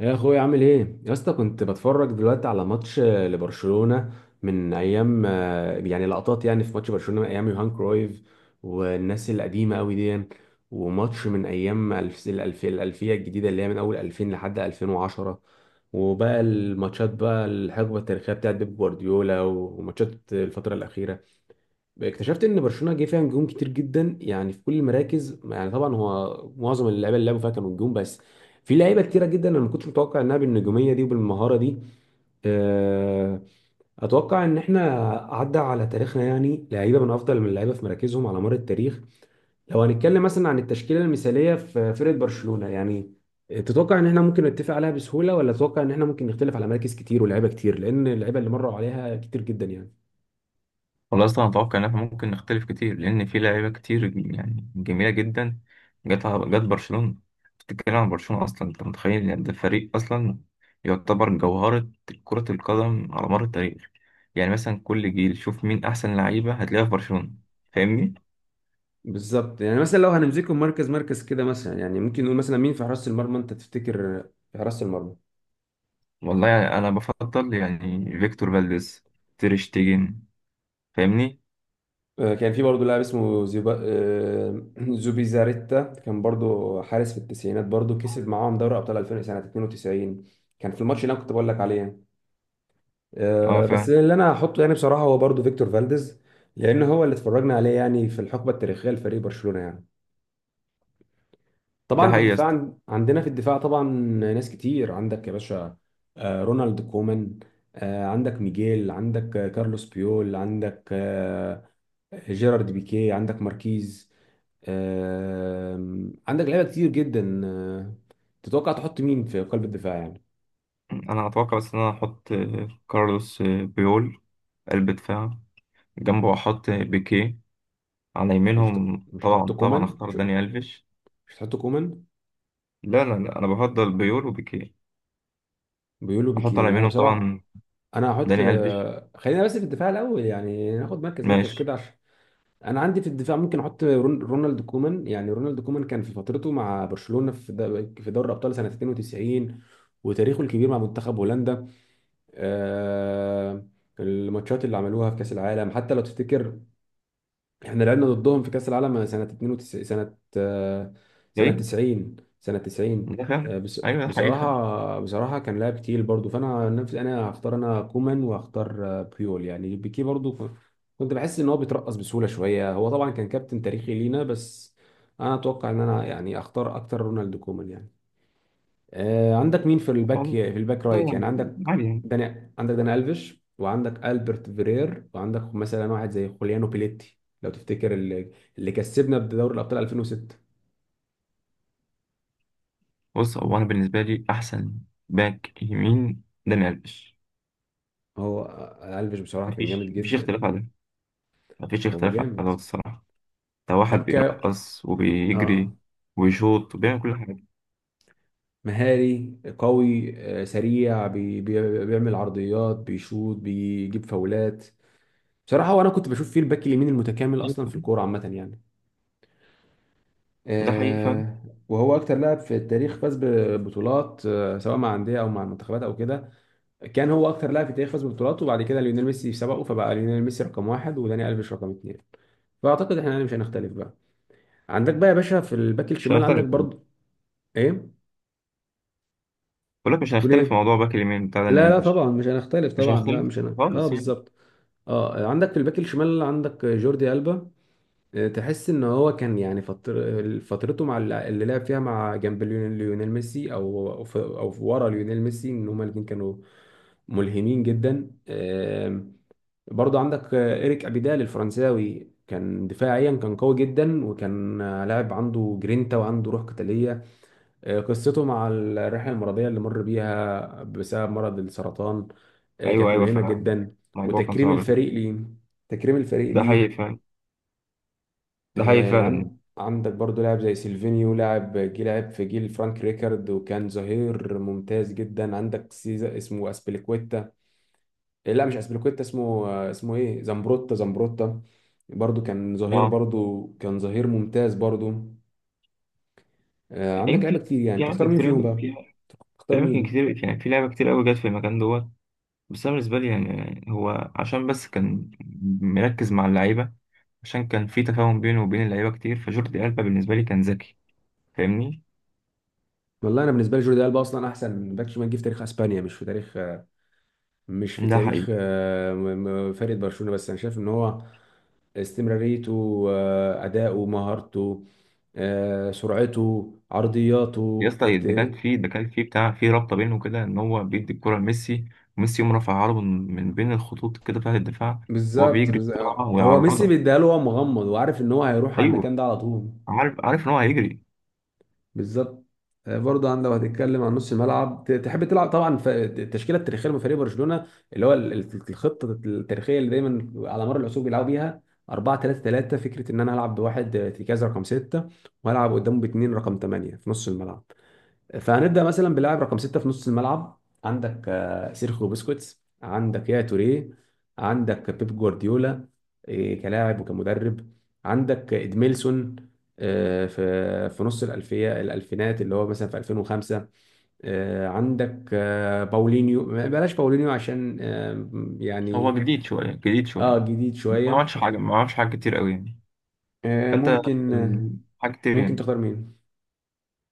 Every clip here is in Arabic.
يا اخويا عامل ايه يا اسطى؟ كنت بتفرج دلوقتي على ماتش لبرشلونة من ايام لقطات يعني في ماتش برشلونة من ايام يوهان كرويف والناس القديمة قوي دي، وماتش من ايام الالفية الجديدة اللي هي من اول 2000 لحد 2010، وبقى الماتشات بقى الحقبة التاريخية بتاعت بيب جوارديولا وماتشات الفترة الأخيرة. اكتشفت ان برشلونه جه فيها نجوم كتير جدا يعني في كل المراكز، يعني طبعا هو معظم اللعيبه اللي لعبوا فيها كانوا نجوم، بس في لعيبه كتيره جدا انا ما كنتش متوقع انها بالنجوميه دي وبالمهاره دي. آه، اتوقع ان احنا عدى على تاريخنا يعني لعيبه من افضل من اللعيبه في مراكزهم على مر التاريخ. لو هنتكلم مثلا عن التشكيله المثاليه في فرقه برشلونه يعني، تتوقع ان احنا ممكن نتفق عليها بسهوله، ولا تتوقع ان احنا ممكن نختلف على مراكز كتير ولاعيبه كتير لان اللعيبه اللي مروا عليها كتير جدا يعني. والله اصلا اتوقع ان احنا ممكن نختلف كتير لان في لعيبه كتير يعني جميله جدا. جت برشلونه. بتتكلم عن برشلونه اصلا، انت متخيل يعني ده فريق اصلا يعتبر جوهره كره القدم على مر التاريخ. يعني مثلا كل جيل شوف مين احسن لعيبه هتلاقيها في برشلونه. فاهمني؟ بالظبط، يعني مثلا لو هنمسكهم مركز مركز كده، مثلا يعني ممكن نقول مثلا مين في حراسة المرمى؟ انت تفتكر في حراسة المرمى؟ والله يعني انا بفضل يعني فيكتور فالديز، تير شتيجن. فاهمني؟ كان في برضه لاعب اسمه زيبا، زوبيزاريتا، كان برضه حارس في التسعينات، برضه كسب معاهم دوري ابطال 2000 سنة 92، كان في الماتش اللي انا كنت بقول لك عليه يعني. اه بس فاهم. اللي انا هحطه يعني بصراحة هو برضه فيكتور فالديز، لان هو اللي اتفرجنا عليه يعني في الحقبة التاريخية لفريق برشلونة يعني. ده طبعا في حقيقي يا الدفاع اسطى. عندنا في الدفاع طبعا ناس كتير عندك يا باشا. رونالد كومان، عندك ميجيل، عندك كارلوس بيول، عندك جيرارد بيكيه، عندك ماركيز، آه، عندك لعيبه كتير جدا. تتوقع تحط مين في قلب الدفاع يعني؟ انا اتوقع بس ان انا احط كارلوس بيول قلب دفاع، جنبه احط بيكيه، على يمينهم مش هتحط طبعا طبعا كومان؟ اختار مش داني الفيش. مش هتحط كومان؟ لا لا لا، انا بفضل بيول وبيكيه. بيقولوا احط على بيكيه. انا يمينهم طبعا بصراحه انا هحط داني الفيش. خلينا بس في الدفاع الاول يعني، ناخد مركز مركز ماشي. كده عشان انا عندي في الدفاع ممكن احط رونالد كومان. يعني رونالد كومان كان في فترته مع برشلونة في في دوري الابطال سنة 92، وتاريخه الكبير مع منتخب هولندا. آه، الماتشات اللي عملوها في كأس العالم، حتى لو تفتكر احنا لعبنا ضدهم في كأس العالم سنة 92، سنة سنة ايه 90، سنة 90 ده فعلا. ايوه ده حقيقي فعلا. بصراحة كان لاعب تقيل برضو، فأنا نفسي أنا هختار أنا كومان وهختار بيول، يعني بيكي برضو كنت بحس إن هو بيترقص بسهولة شوية، هو طبعا كان كابتن تاريخي لينا، بس أنا أتوقع إن أنا يعني أختار أكتر رونالد كومان يعني. عندك مين في الباك، والله في الباك رايت؟ يعني يعني عندك عادي يعني. داني، عندك داني الفيش، وعندك البرت فيرير، وعندك مثلا واحد زي خوليانو بيليتي لو تفتكر، اللي كسبنا بدوري الابطال 2006. بص، هو انا بالنسبه لي احسن باك يمين داني الفيش. هو الفيش بصراحه كان جامد مفيش جدا، اختلاف على ده. مفيش هو اختلاف على ده جامد. الصراحه. ده واحد طب ك بيرقص اه، وبيجري ويشوط وبيعمل كل حاجه. مهاري قوي، سريع، بيعمل عرضيات، بيشوط، بيجيب فاولات، بصراحه. وانا كنت بشوف فيه الباك اليمين المتكامل اصلا في الكوره عامه يعني. ده حقيقي فعلا. آه، وهو اكتر لاعب في التاريخ فاز ببطولات، سواء مع انديه او مع المنتخبات او كده. كان هو اكتر لاعب في التاريخ فاز ببطولات، وبعد كده ليونيل ميسي سبقه، فبقى ليونيل ميسي رقم واحد وداني الفيش رقم اتنين. فاعتقد احنا يعني مش هنختلف بقى. عندك بقى يا باشا في الباك مش الشمال عندك هنختلف، بقول برضو، ايه لك مش تقول هنختلف في ايه؟ موضوع باك اليمين بتاع داني لا لا الفيش. طبعا مش هنختلف مش طبعا، لا هنختلف مش هن... اه خالص يعني. بالظبط. اه عندك في الباك الشمال عندك جوردي ألبا، تحس ان هو كان يعني فترته مع اللي لعب فيها مع جنب ليونيل ميسي، او او أو ورا ليونيل ميسي، ان هما الاثنين كانوا ملهمين جدا. برضو عندك ايريك ابيدال الفرنساوي، كان دفاعيا كان قوي جدا، وكان لاعب عنده جرينتا وعنده روح قتاليه. قصته مع الرحله المرضيه اللي مر بيها بسبب مرض السرطان، ايوه، كانت ايوه ملهمه فعلا. جدا، الموضوع كان وتكريم صعب. الفريق ليه، تكريم الفريق ده حقيقي ليه فعلا. ده حقيقي فعلا. عندك برضو لاعب زي سيلفينيو، لاعب جه لعب في جيل فرانك ريكارد وكان ظهير ممتاز جدا. عندك سيزا اسمه اسبليكويتا، لا مش اسبليكويتا، اسمه اسمه ايه، زامبروتا، برضو كان ظهير، اه. برضو كان ظهير ممتاز برضو. عندك يعني لعيبه في كتير يعني، في اماكن تختار مين كتير فيهم قوي بقى؟ فيها. في تختار اماكن مين؟ كتير، يعني في لعبه كتير قوي جت في المكان دوت. بس انا بالنسبه لي يعني هو عشان بس كان مركز مع اللعيبه، عشان كان في تفاهم بينه وبين اللعيبه كتير، فجوردي ألبا بالنسبه لي كان ذكي. فاهمني؟ والله انا بالنسبه لي جوردي البا اصلا احسن باك شمال جه في تاريخ اسبانيا، مش في تاريخ مش في ده تاريخ حقيقي فرقه برشلونه بس، انا شايف ان هو استمراريته، أداؤه، مهارته، سرعته، يا عرضياته اسطى. ده كان في بتاع، في رابطه بينه كده ان هو بيدي الكره لميسي، وميسي يقوم رافعها له من بين الخطوط كده بتاعه الدفاع، وهو بالظبط. بيجري بسرعه بالظبط. هو ميسي ويعرضها. بيديها له وهو مغمض، وعارف ان هو هيروح على ايوه، المكان ده على طول. عارف عارف ان هو هيجري. بالظبط. برضه لو هتتكلم عن نص الملعب تحب تلعب طبعا التشكيله التاريخيه لفريق برشلونه، اللي هو الخطه التاريخيه اللي دايما على مر العصور بيلعبوا بيها 4 3 3. فكره ان انا هلعب بواحد ارتكاز رقم 6، وهلعب قدامه باثنين رقم 8 في نص الملعب. فهنبدأ مثلا بلاعب رقم ستة في نص الملعب، عندك سيرخيو بوسكيتس، عندك يا توريه، عندك بيب جوارديولا كلاعب وكمدرب، عندك ادميلسون في نص الألفية، الألفينات اللي هو مثلا في 2005، عندك باولينيو، بلاش باولينيو عشان هو يعني جديد شويه، جديد اه شويه. جديد ما شوية. عملش حاجه، ما عملش حاجه كتير قوي يعني. فانت ممكن حاجه كتير ممكن يعني. تختار مين؟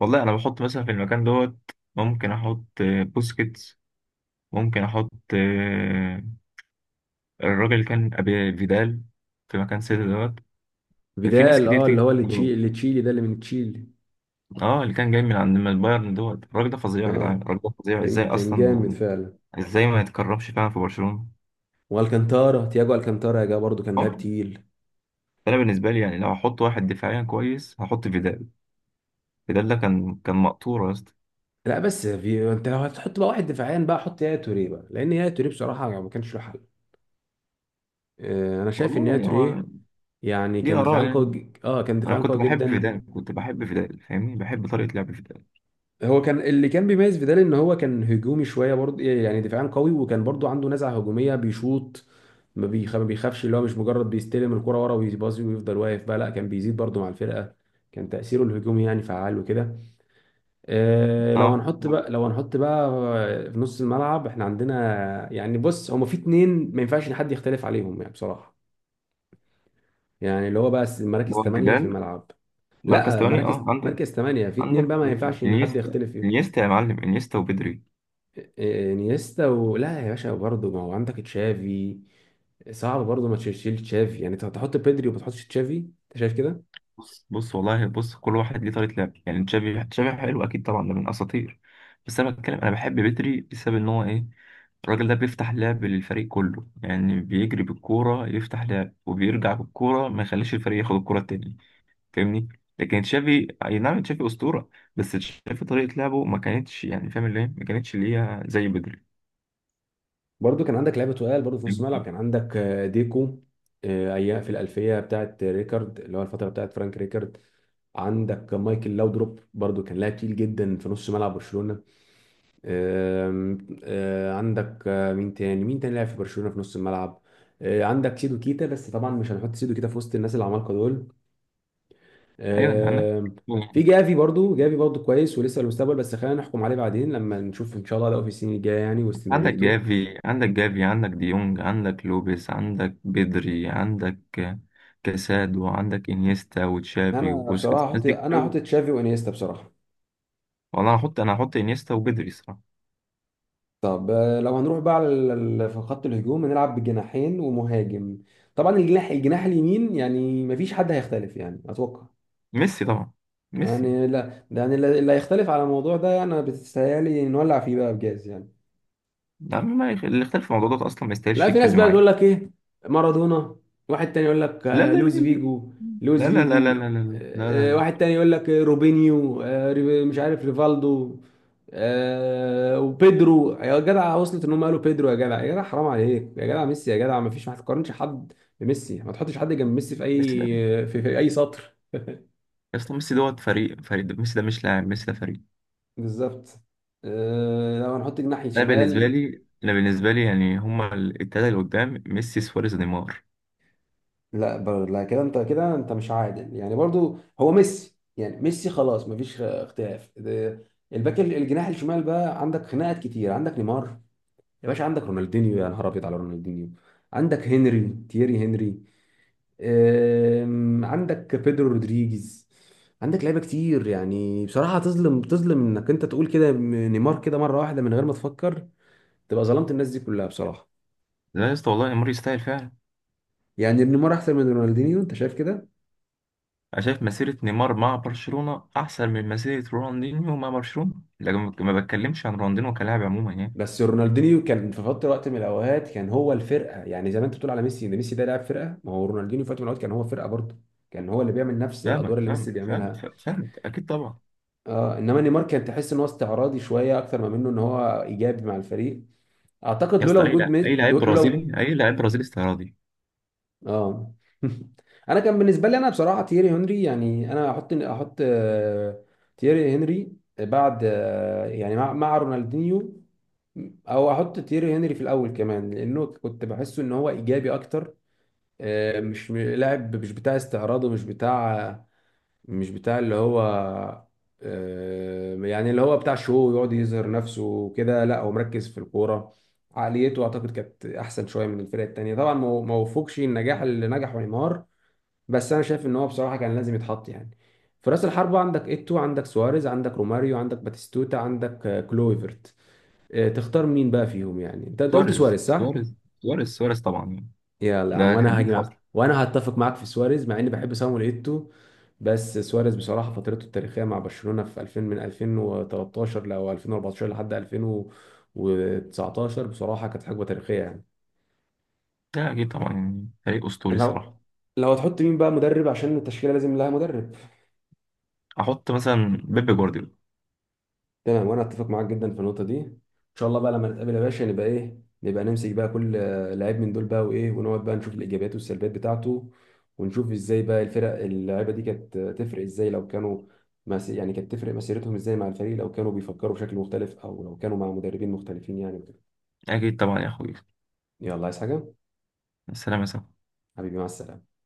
والله انا بحط مثلا في المكان دوت، ممكن احط بوسكيتس، ممكن احط الراجل اللي كان ابي فيدال في مكان سيتي دوت. في ناس فيدال، كتير اه تيجي اللي في هو المكان دوت. اللي تشيلي ده، اللي من تشيلي. اه، اللي كان جاي من البايرن دوت، الراجل ده فظيع يا جدعان، اه الراجل ده فظيع ازاي كان كان اصلا جامد يعني. فعلا. ازاي ما يتكرمش فعلا في برشلونه. والكانتارا، تياجو الكانتارا، يا جماعه برضه كان لاعب اه. تقيل. فانا بالنسبه لي يعني لو هحط واحد دفاعيا كويس هحط فيدال. فيدال ده كان مقطورة يا اسطى. لا بس في، انت لو هتحط بقى واحد دفاعيا بقى، حط يا توريه بقى لان يا توريه بصراحه ما كانش له حل. انا شايف ان والله يا يعني هو، توريه يعني دي كان آراء دفاعيا قوي يعني. اه كان أنا دفاعيا كنت قوي بحب جدا. فيدال، كنت بحب فيدال، فاهمني؟ بحب طريقة لعب فيدال. هو كان اللي كان بيميز في ده ان هو كان هجومي شويه برضه، يعني دفاعيا قوي وكان برضه عنده نزعه هجوميه، بيشوط، ما بيخافش. اللي هو مش مجرد بيستلم الكرة ورا ويباصي ويفضل واقف بقى، لا كان بيزيد برضه مع الفرقه، كان تاثيره الهجومي يعني فعال وكده. لو أه. هنحط بقى لو هنحط بقى في نص الملعب، احنا عندنا يعني، بص هما في اتنين ما ينفعش إن حد يختلف عليهم يعني بصراحة، يعني اللي هو بقى مراكز هو تمانية في فيدال الملعب. مركز لا تاني. أه مراكز، عندك، مركز تمانية في اتنين عندك بقى ما ينفعش ان حد إنيستا، يختلف فيهم. إنيستا يا معلم، إنيستا وبدري. انيستا لا يا باشا برضه، ما هو عندك تشافي، صعب برضه ما تشيل تشافي يعني، انت هتحط بيدري وما تحطش تشافي؟ انت شايف كده؟ بص بص والله بص، كل واحد ليه طريقة لعب. يعني تشافي، تشافي حلو أكيد طبعا، ده من أساطير. بس أنا بحب بدري بسبب إن هو إيه، الراجل ده بيفتح لعب للفريق كله، يعني بيجري بالكورة يفتح لعب وبيرجع بالكورة ما يخليش الفريق ياخد الكورة التاني. فاهمني؟ لكن تشافي اي نعم، تشافي اسطوره. بس تشافي طريقه لعبه ما كانتش يعني، فاهم اللي هي ما كانتش اللي هي زي بدري. برضه كان عندك لعيبه تقال برضه في نص الملعب، فاهمني؟ كان عندك ديكو ايام في الالفيه بتاعت ريكارد، اللي هو الفتره بتاعت فرانك ريكارد. عندك مايكل لاودروب برضو كان لاعب تقيل جدا في نص ملعب برشلونة. آم، آه، عندك مين تاني لعب في برشلونة في نص الملعب؟ عندك سيدو كيتا، بس طبعا مش هنحط سيدو كيتا في وسط الناس العمالقة دول. ايوه، أنت عندك، آم، في جافي برضو، جافي برضو كويس ولسه المستقبل، بس خلينا نحكم عليه بعدين لما نشوف ان شاء الله ده في السنين الجاية يعني، عندك واستمراريته. جافي عندك جافي عندك ديونج، عندك لوبيس، عندك بدري، عندك كاسادو، عندك انيستا وتشافي انا وبوسكيتس. بصراحة الناس هحط، دي كتير انا هحط أوي. تشافي وانيستا بصراحة. والله انا هحط انيستا وبدري الصراحه. طب لو هنروح بقى على في خط الهجوم، هنلعب بجناحين ومهاجم. طبعا الجناح، الجناح اليمين يعني مفيش حد هيختلف يعني اتوقع. ميسي طبعا. ميسي، يعني لا ده يعني اللي هيختلف على الموضوع ده انا بتستاهلي نولع فيه بقى بجاز يعني. ده ما يخ- اللي اختلف في الموضوع ده اصلا ما يستاهلش لا في ناس يتكلم بقى معايا. تقول لك ايه، مارادونا، واحد تاني يقول لك لا لويس لا فيجو، لا لويس لا لا لا فيجو لا لا لا لا لا لا لا لا. واحد تاني يقول لك روبينيو، مش عارف، ريفالدو، وبيدرو يا جدع. وصلت ان هم قالوا بيدرو يا جدع، يا جدع حرام عليك يا جدع، ميسي يا جدع، ما فيش، ما تقارنش حد بميسي، ما تحطش حد جنب ميسي في بس اي في, في اي سطر. اصلا ميسي دوت، فريق فريق، ميسي ده مش لاعب، ميسي ده فريق. بالظبط. لو هنحط جناح انا بالنسبه شمال. لي انا بالنسبه لي يعني هما التلاته اللي قدام ميسي، سواريز، نيمار. لا كده انت، كده انت مش عادل يعني، برضو هو ميسي يعني، ميسي خلاص مفيش اختلاف ده، الجناح الشمال بقى عندك خناقات كتير، عندك نيمار يا باشا، عندك رونالدينيو، يا نهار ابيض على رونالدينيو، عندك هنري، تييري هنري، عندك بيدرو رودريجيز. عندك لعيبه كتير يعني بصراحه، تظلم، تظلم انك انت تقول كده نيمار كده مره واحده من غير ما تفكر، تبقى ظلمت الناس دي كلها بصراحه. لا يا اسطى، والله نيمار يستاهل فعلا. يعني نيمار احسن من رونالدينيو، انت شايف كده؟ انا شايف مسيره نيمار مع برشلونه احسن من مسيره رونالدينيو مع برشلونه، لكن ما بتكلمش عن رونالدينيو كلاعب عموما يعني. بس رونالدينيو كان في فتره، وقت من الاوقات كان هو الفرقه يعني، زي ما انت بتقول على ميسي ان ميسي ده لاعب فرقه، ما هو رونالدينيو في وقت من الاوقات كان هو فرقه برضه، كان هو اللي بيعمل نفس فاهمك، الادوار اللي ميسي فاهمك، فاهمك، بيعملها. فاهمك، فاهمك. اكيد طبعا. اه انما نيمار كان تحس ان هو استعراضي شويه اكتر ما منه ان هو ايجابي مع الفريق. يا اعتقد اسطى اي لاعب لولا وجود برازيلي، اي لاعب برازيلي استعراضي. اه انا كان بالنسبه لي انا بصراحه تييري هنري، يعني انا احط، احط تييري هنري بعد، يعني مع رونالدينيو، او احط تيري هنري في الاول كمان، لانه كنت بحسه ان هو ايجابي اكتر، مش لاعب مش بتاع استعراض، ومش بتاع، مش بتاع اللي هو يعني اللي هو بتاع شو يقعد يظهر نفسه وكده، لا هو مركز في الكوره. عقليته اعتقد كانت احسن شويه من الفرق التانيه، طبعا ما وفقش النجاح اللي نجحه نيمار، بس انا شايف ان هو بصراحه كان لازم يتحط يعني. في راس الحربه عندك ايتو، عندك سواريز، عندك روماريو، عندك باتيستوتا، عندك كلويفرت. إيه، تختار مين بقى فيهم يعني؟ انت انت قلت سواريز، سواريز صح؟ سواريز، سواريز، سواريز طبعا يعني. يلا يا عم، ده الهداف اصلا. وانا هتفق معاك في سواريز، مع اني بحب سامويل ايتو. بس سواريز بصراحه فترته التاريخيه مع برشلونه في 2000، من 2013 لو 2014 لحد 2019، بصراحه كانت حقبه تاريخيه يعني. لا اكيد طبعا، يعني فريق اسطوري لو الصراحه. لو هتحط مين بقى مدرب عشان التشكيله لازم لها مدرب. احط مثلا بيب جوارديولا. تمام، وانا اتفق معاك جدا في النقطه دي. ان شاء الله بقى لما نتقابل يا باشا نبقى ايه، نبقى نمسك بقى كل لعيب من دول بقى وايه، ونقعد بقى نشوف الايجابيات والسلبيات بتاعته، ونشوف ازاي بقى الفرق اللعيبه دي كانت تفرق ازاي لو كانوا يعني كانت تفرق مسيرتهم ازاي مع الفريق لو كانوا بيفكروا بشكل مختلف، او لو كانوا مع مدربين مختلفين يعني وكده. أكيد طبعا يا أخوي. يلا عايز حاجه؟ السلام يا صاحبي. حبيبي مع السلامه.